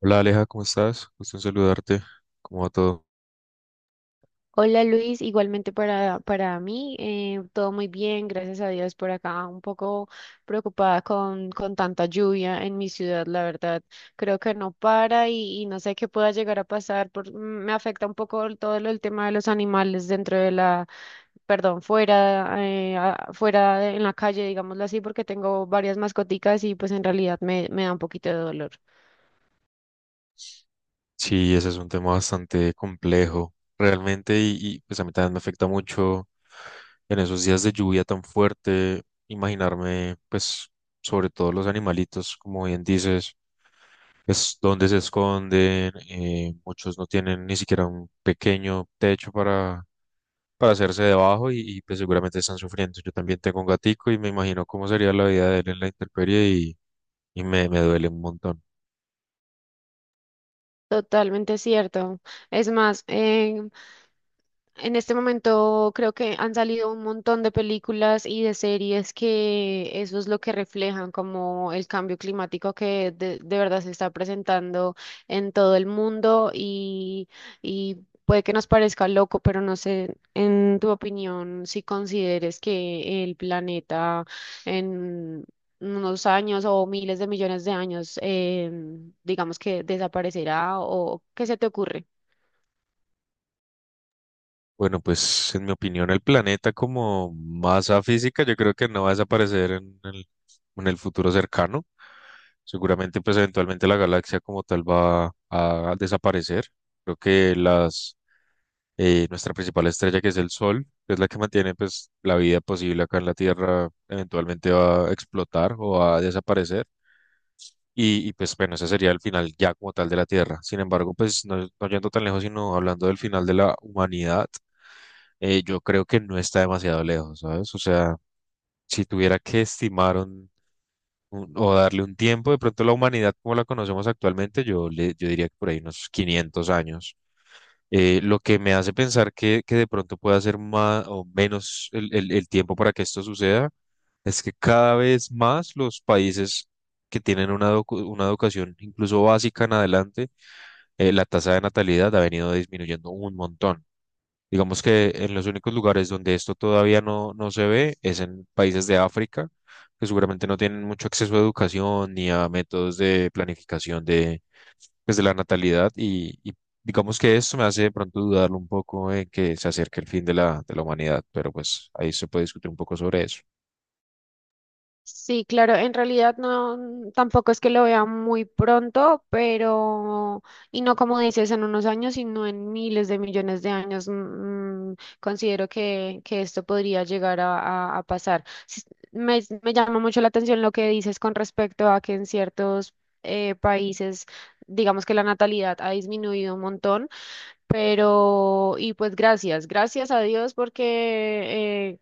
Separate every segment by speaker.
Speaker 1: Hola Aleja, ¿cómo estás? Gusto en saludarte. ¿Cómo va todo?
Speaker 2: Hola Luis, igualmente para mí, todo muy bien, gracias a Dios. Por acá, un poco preocupada con tanta lluvia en mi ciudad, la verdad, creo que no para y no sé qué pueda llegar a pasar, por, me afecta un poco el tema de los animales dentro de la, perdón, fuera, a- fuera de- en la calle, digámoslo así, porque tengo varias mascoticas y pues en realidad me da un poquito de dolor.
Speaker 1: Sí, ese es un tema bastante complejo, realmente, y, pues a mí también me afecta mucho en esos días de lluvia tan fuerte, imaginarme, pues, sobre todo los animalitos, como bien dices, es donde se esconden, muchos no tienen ni siquiera un pequeño techo para, hacerse debajo y, pues seguramente están sufriendo. Yo también tengo un gatico y me imagino cómo sería la vida de él en la intemperie y me duele un montón.
Speaker 2: Totalmente cierto. Es más, en este momento creo que han salido un montón de películas y de series que eso es lo que reflejan, como el cambio climático que de verdad se está presentando en todo el mundo, y puede que nos parezca loco, pero no sé, en tu opinión, si consideres que el planeta en unos años o miles de millones de años, digamos, que desaparecerá o qué se te ocurre.
Speaker 1: Bueno, pues en mi opinión el planeta como masa física yo creo que no va a desaparecer en el futuro cercano. Seguramente pues eventualmente la galaxia como tal va a desaparecer. Creo que nuestra principal estrella, que es el Sol, que es la que mantiene pues la vida posible acá en la Tierra, eventualmente va a explotar o va a desaparecer. Y, pues bueno, ese sería el final ya como tal de la Tierra. Sin embargo, pues no yendo tan lejos, sino hablando del final de la humanidad, yo creo que no está demasiado lejos, ¿sabes? O sea, si tuviera que estimar o darle un tiempo, de pronto la humanidad como la conocemos actualmente, yo diría que por ahí unos 500 años. Lo que me hace pensar que de pronto pueda ser más o menos el tiempo para que esto suceda es que cada vez más los países que tienen una educación incluso básica en adelante, la tasa de natalidad ha venido disminuyendo un montón. Digamos que en los únicos lugares donde esto todavía no se ve es en países de África, que seguramente no tienen mucho acceso a educación ni a métodos de planificación pues, de la natalidad, y digamos que esto me hace de pronto dudar un poco en que se acerque el fin de la, humanidad, pero pues ahí se puede discutir un poco sobre eso.
Speaker 2: Sí, claro, en realidad no, tampoco es que lo vea muy pronto, pero, y no como dices, en unos años, sino en miles de millones de años, considero que esto podría llegar a, a pasar. Sí. Me llama mucho la atención lo que dices con respecto a que en ciertos países, digamos que la natalidad ha disminuido un montón, pero, y pues gracias a Dios, porque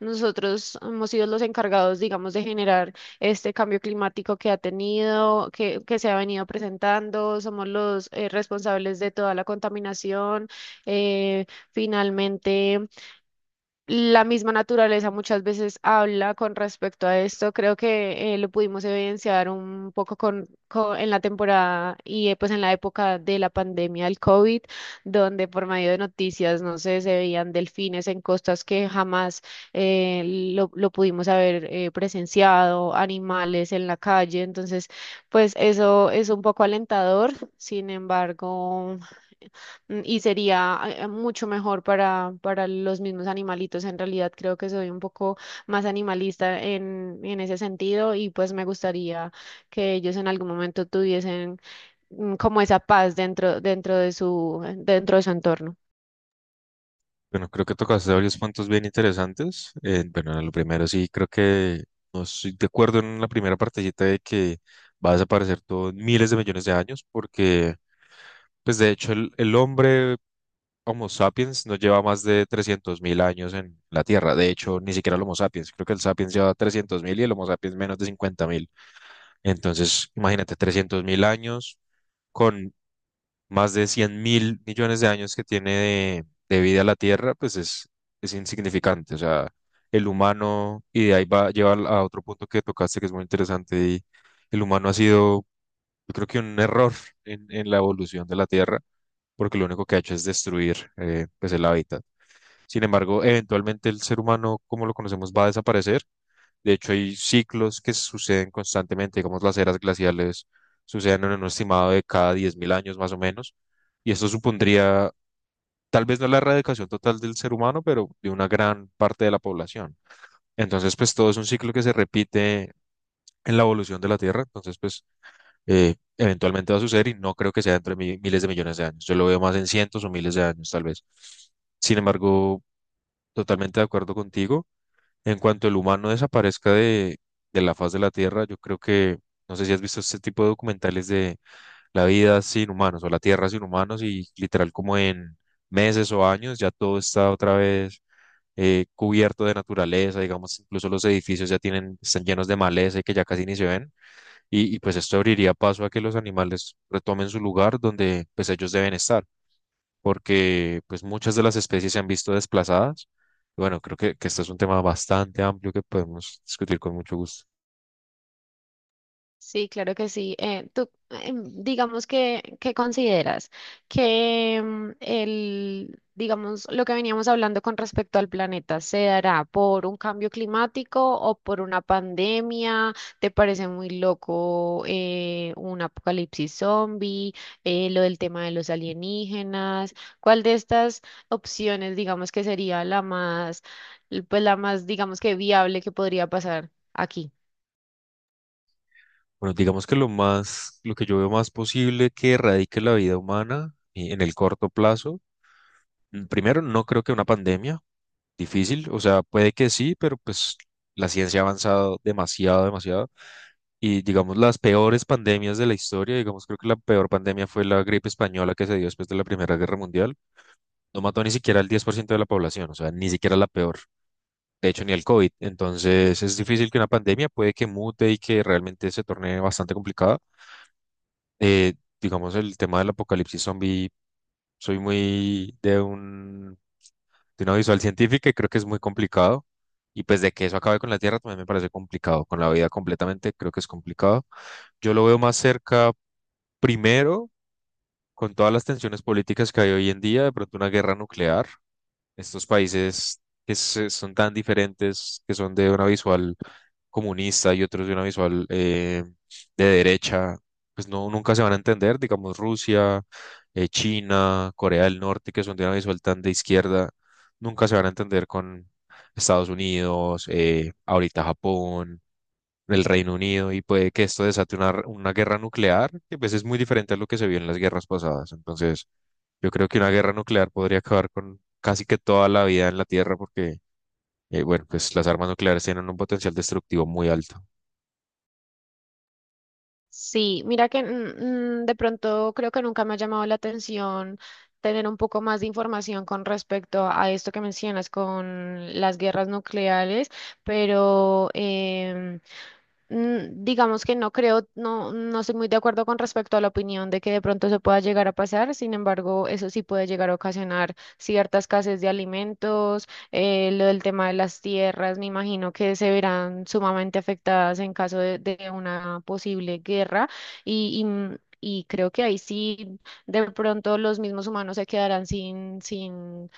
Speaker 2: nosotros hemos sido los encargados, digamos, de generar este cambio climático que ha tenido, que se ha venido presentando. Somos los responsables de toda la contaminación. Eh, Finalmente, la misma naturaleza muchas veces habla con respecto a esto. Creo que lo pudimos evidenciar un poco en la temporada, y pues en la época de la pandemia del COVID, donde por medio de noticias, no sé, se veían delfines en costas que jamás lo pudimos haber presenciado, animales en la calle. Entonces, pues eso es un poco alentador. Sin embargo... Y sería mucho mejor para los mismos animalitos. En realidad creo que soy un poco más animalista en ese sentido, y pues me gustaría que ellos en algún momento tuviesen, como, esa paz dentro, dentro de su entorno.
Speaker 1: Bueno, creo que tocaste varios puntos bien interesantes. Bueno, en lo primero sí, creo que no estoy de acuerdo en la primera partecita de que va a desaparecer todo en miles de millones de años, porque pues de hecho, el hombre Homo sapiens no lleva más de 300.000 años en la Tierra. De hecho, ni siquiera el Homo sapiens. Creo que el sapiens lleva 300.000 y el Homo sapiens menos de 50.000. Entonces, imagínate, 300.000 años con más de 100.000.000.000 de años que tiene de vida la Tierra, pues es, insignificante. O sea, el humano, y de ahí va a llevar a otro punto que tocaste que es muy interesante, y el humano ha sido, yo creo que un error en la evolución de la Tierra, porque lo único que ha hecho es destruir, pues, el hábitat. Sin embargo, eventualmente el ser humano, como lo conocemos, va a desaparecer. De hecho, hay ciclos que suceden constantemente, digamos, las eras glaciales suceden en un estimado de cada 10.000 años más o menos, y esto supondría tal vez no la erradicación total del ser humano, pero de una gran parte de la población. Entonces, pues todo es un ciclo que se repite en la evolución de la Tierra. Entonces, pues eventualmente va a suceder y no creo que sea entre miles de millones de años. Yo lo veo más en cientos o miles de años, tal vez. Sin embargo, totalmente de acuerdo contigo. En cuanto el humano desaparezca de la faz de la Tierra, yo creo que, no sé si has visto este tipo de documentales de la vida sin humanos o la Tierra sin humanos, y literal como en meses o años ya todo está otra vez cubierto de naturaleza, digamos, incluso los edificios ya tienen, están llenos de maleza y que ya casi ni se ven, y, pues esto abriría paso a que los animales retomen su lugar donde pues ellos deben estar, porque pues muchas de las especies se han visto desplazadas. Bueno, creo que este es un tema bastante amplio que podemos discutir con mucho gusto.
Speaker 2: Sí, claro que sí. Tú, digamos que, ¿qué consideras? Que el, digamos, lo que veníamos hablando con respecto al planeta, ¿se dará por un cambio climático o por una pandemia? ¿Te parece muy loco un apocalipsis zombie? Lo del tema de los alienígenas. ¿Cuál de estas opciones, digamos, que sería la más, pues la más, digamos, que viable que podría pasar aquí?
Speaker 1: Bueno, digamos que lo que yo veo más posible que erradique la vida humana, en el corto plazo, primero, no creo que una pandemia, difícil, o sea, puede que sí, pero pues la ciencia ha avanzado demasiado, demasiado. Y digamos, las peores pandemias de la historia, digamos, creo que la peor pandemia fue la gripe española, que se dio después de la Primera Guerra Mundial. No mató ni siquiera al 10% de la población, o sea, ni siquiera la peor. De hecho, ni el COVID. Entonces, es difícil que una pandemia, puede que mute y que realmente se torne bastante complicada. Eh, digamos, el tema del apocalipsis zombie, soy muy de un, de una visual científica y creo que es muy complicado. Y pues de que eso acabe con la Tierra también me parece complicado, con la vida completamente creo que es complicado. Yo lo veo más cerca. Primero, con todas las tensiones políticas que hay hoy en día, de pronto una guerra nuclear. Estos países, son tan diferentes, que son de una visual comunista y otros de una visual, de derecha, pues no, nunca se van a entender. Digamos Rusia, China, Corea del Norte, que son de una visual tan de izquierda, nunca se van a entender con Estados Unidos, ahorita Japón, el Reino Unido, y puede que esto desate una, guerra nuclear, que pues es muy diferente a lo que se vio en las guerras pasadas. Entonces, yo creo que una guerra nuclear podría acabar con casi que toda la vida en la Tierra porque, bueno, pues las armas nucleares tienen un potencial destructivo muy alto.
Speaker 2: Sí, mira que de pronto creo que nunca me ha llamado la atención tener un poco más de información con respecto a esto que mencionas con las guerras nucleares, pero digamos que no creo, no, no estoy muy de acuerdo con respecto a la opinión de que de pronto se pueda llegar a pasar. Sin embargo, eso sí puede llegar a ocasionar cierta escasez de alimentos, lo del tema de las tierras, me imagino que se verán sumamente afectadas en caso de una posible guerra, y creo que ahí sí de pronto los mismos humanos se quedarán sin,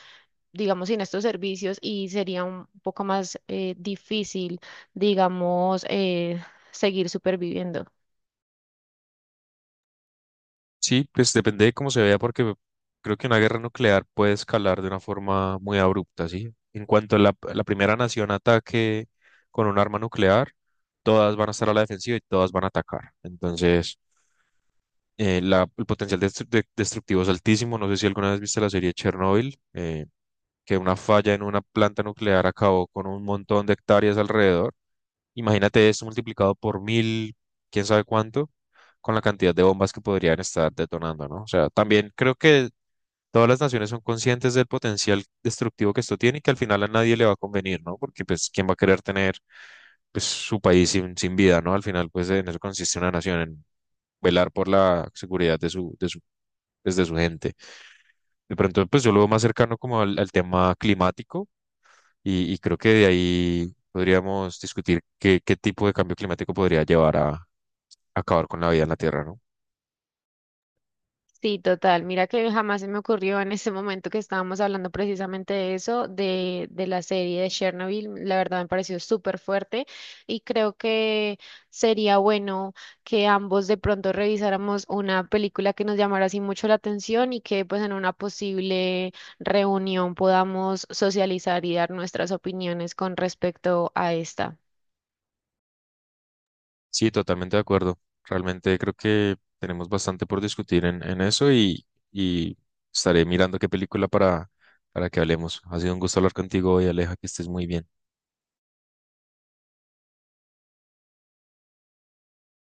Speaker 2: digamos, sin estos servicios, y sería un poco más difícil, digamos, seguir superviviendo.
Speaker 1: Sí, pues depende de cómo se vea, porque creo que una guerra nuclear puede escalar de una forma muy abrupta, ¿sí? En cuanto a la, la primera nación ataque con un arma nuclear, todas van a estar a la defensiva y todas van a atacar. Entonces, el potencial destructivo es altísimo. No sé si alguna vez viste la serie Chernobyl, que una falla en una planta nuclear acabó con un montón de hectáreas alrededor. Imagínate esto multiplicado por mil, quién sabe cuánto, con la cantidad de bombas que podrían estar detonando, ¿no? O sea, también creo que todas las naciones son conscientes del potencial destructivo que esto tiene y que al final a nadie le va a convenir, ¿no? Porque pues, ¿quién va a querer tener, pues, su país sin vida, ¿no? Al final, pues en eso consiste una nación, en velar por la seguridad pues, de su gente. De pronto, pues yo lo veo más cercano como al tema climático, y creo que de ahí podríamos discutir qué tipo de cambio climático podría llevar a acabar con la vida en la Tierra, ¿no?
Speaker 2: Sí, total. Mira que jamás se me ocurrió en ese momento que estábamos hablando precisamente de eso, de la serie de Chernobyl. La verdad me pareció súper fuerte, y creo que sería bueno que ambos de pronto revisáramos una película que nos llamara así mucho la atención, y que pues en una posible reunión podamos socializar y dar nuestras opiniones con respecto a esta.
Speaker 1: Sí, totalmente de acuerdo. Realmente creo que tenemos bastante por discutir en eso, y estaré mirando qué película para, que hablemos. Ha sido un gusto hablar contigo hoy, Aleja, que estés muy bien.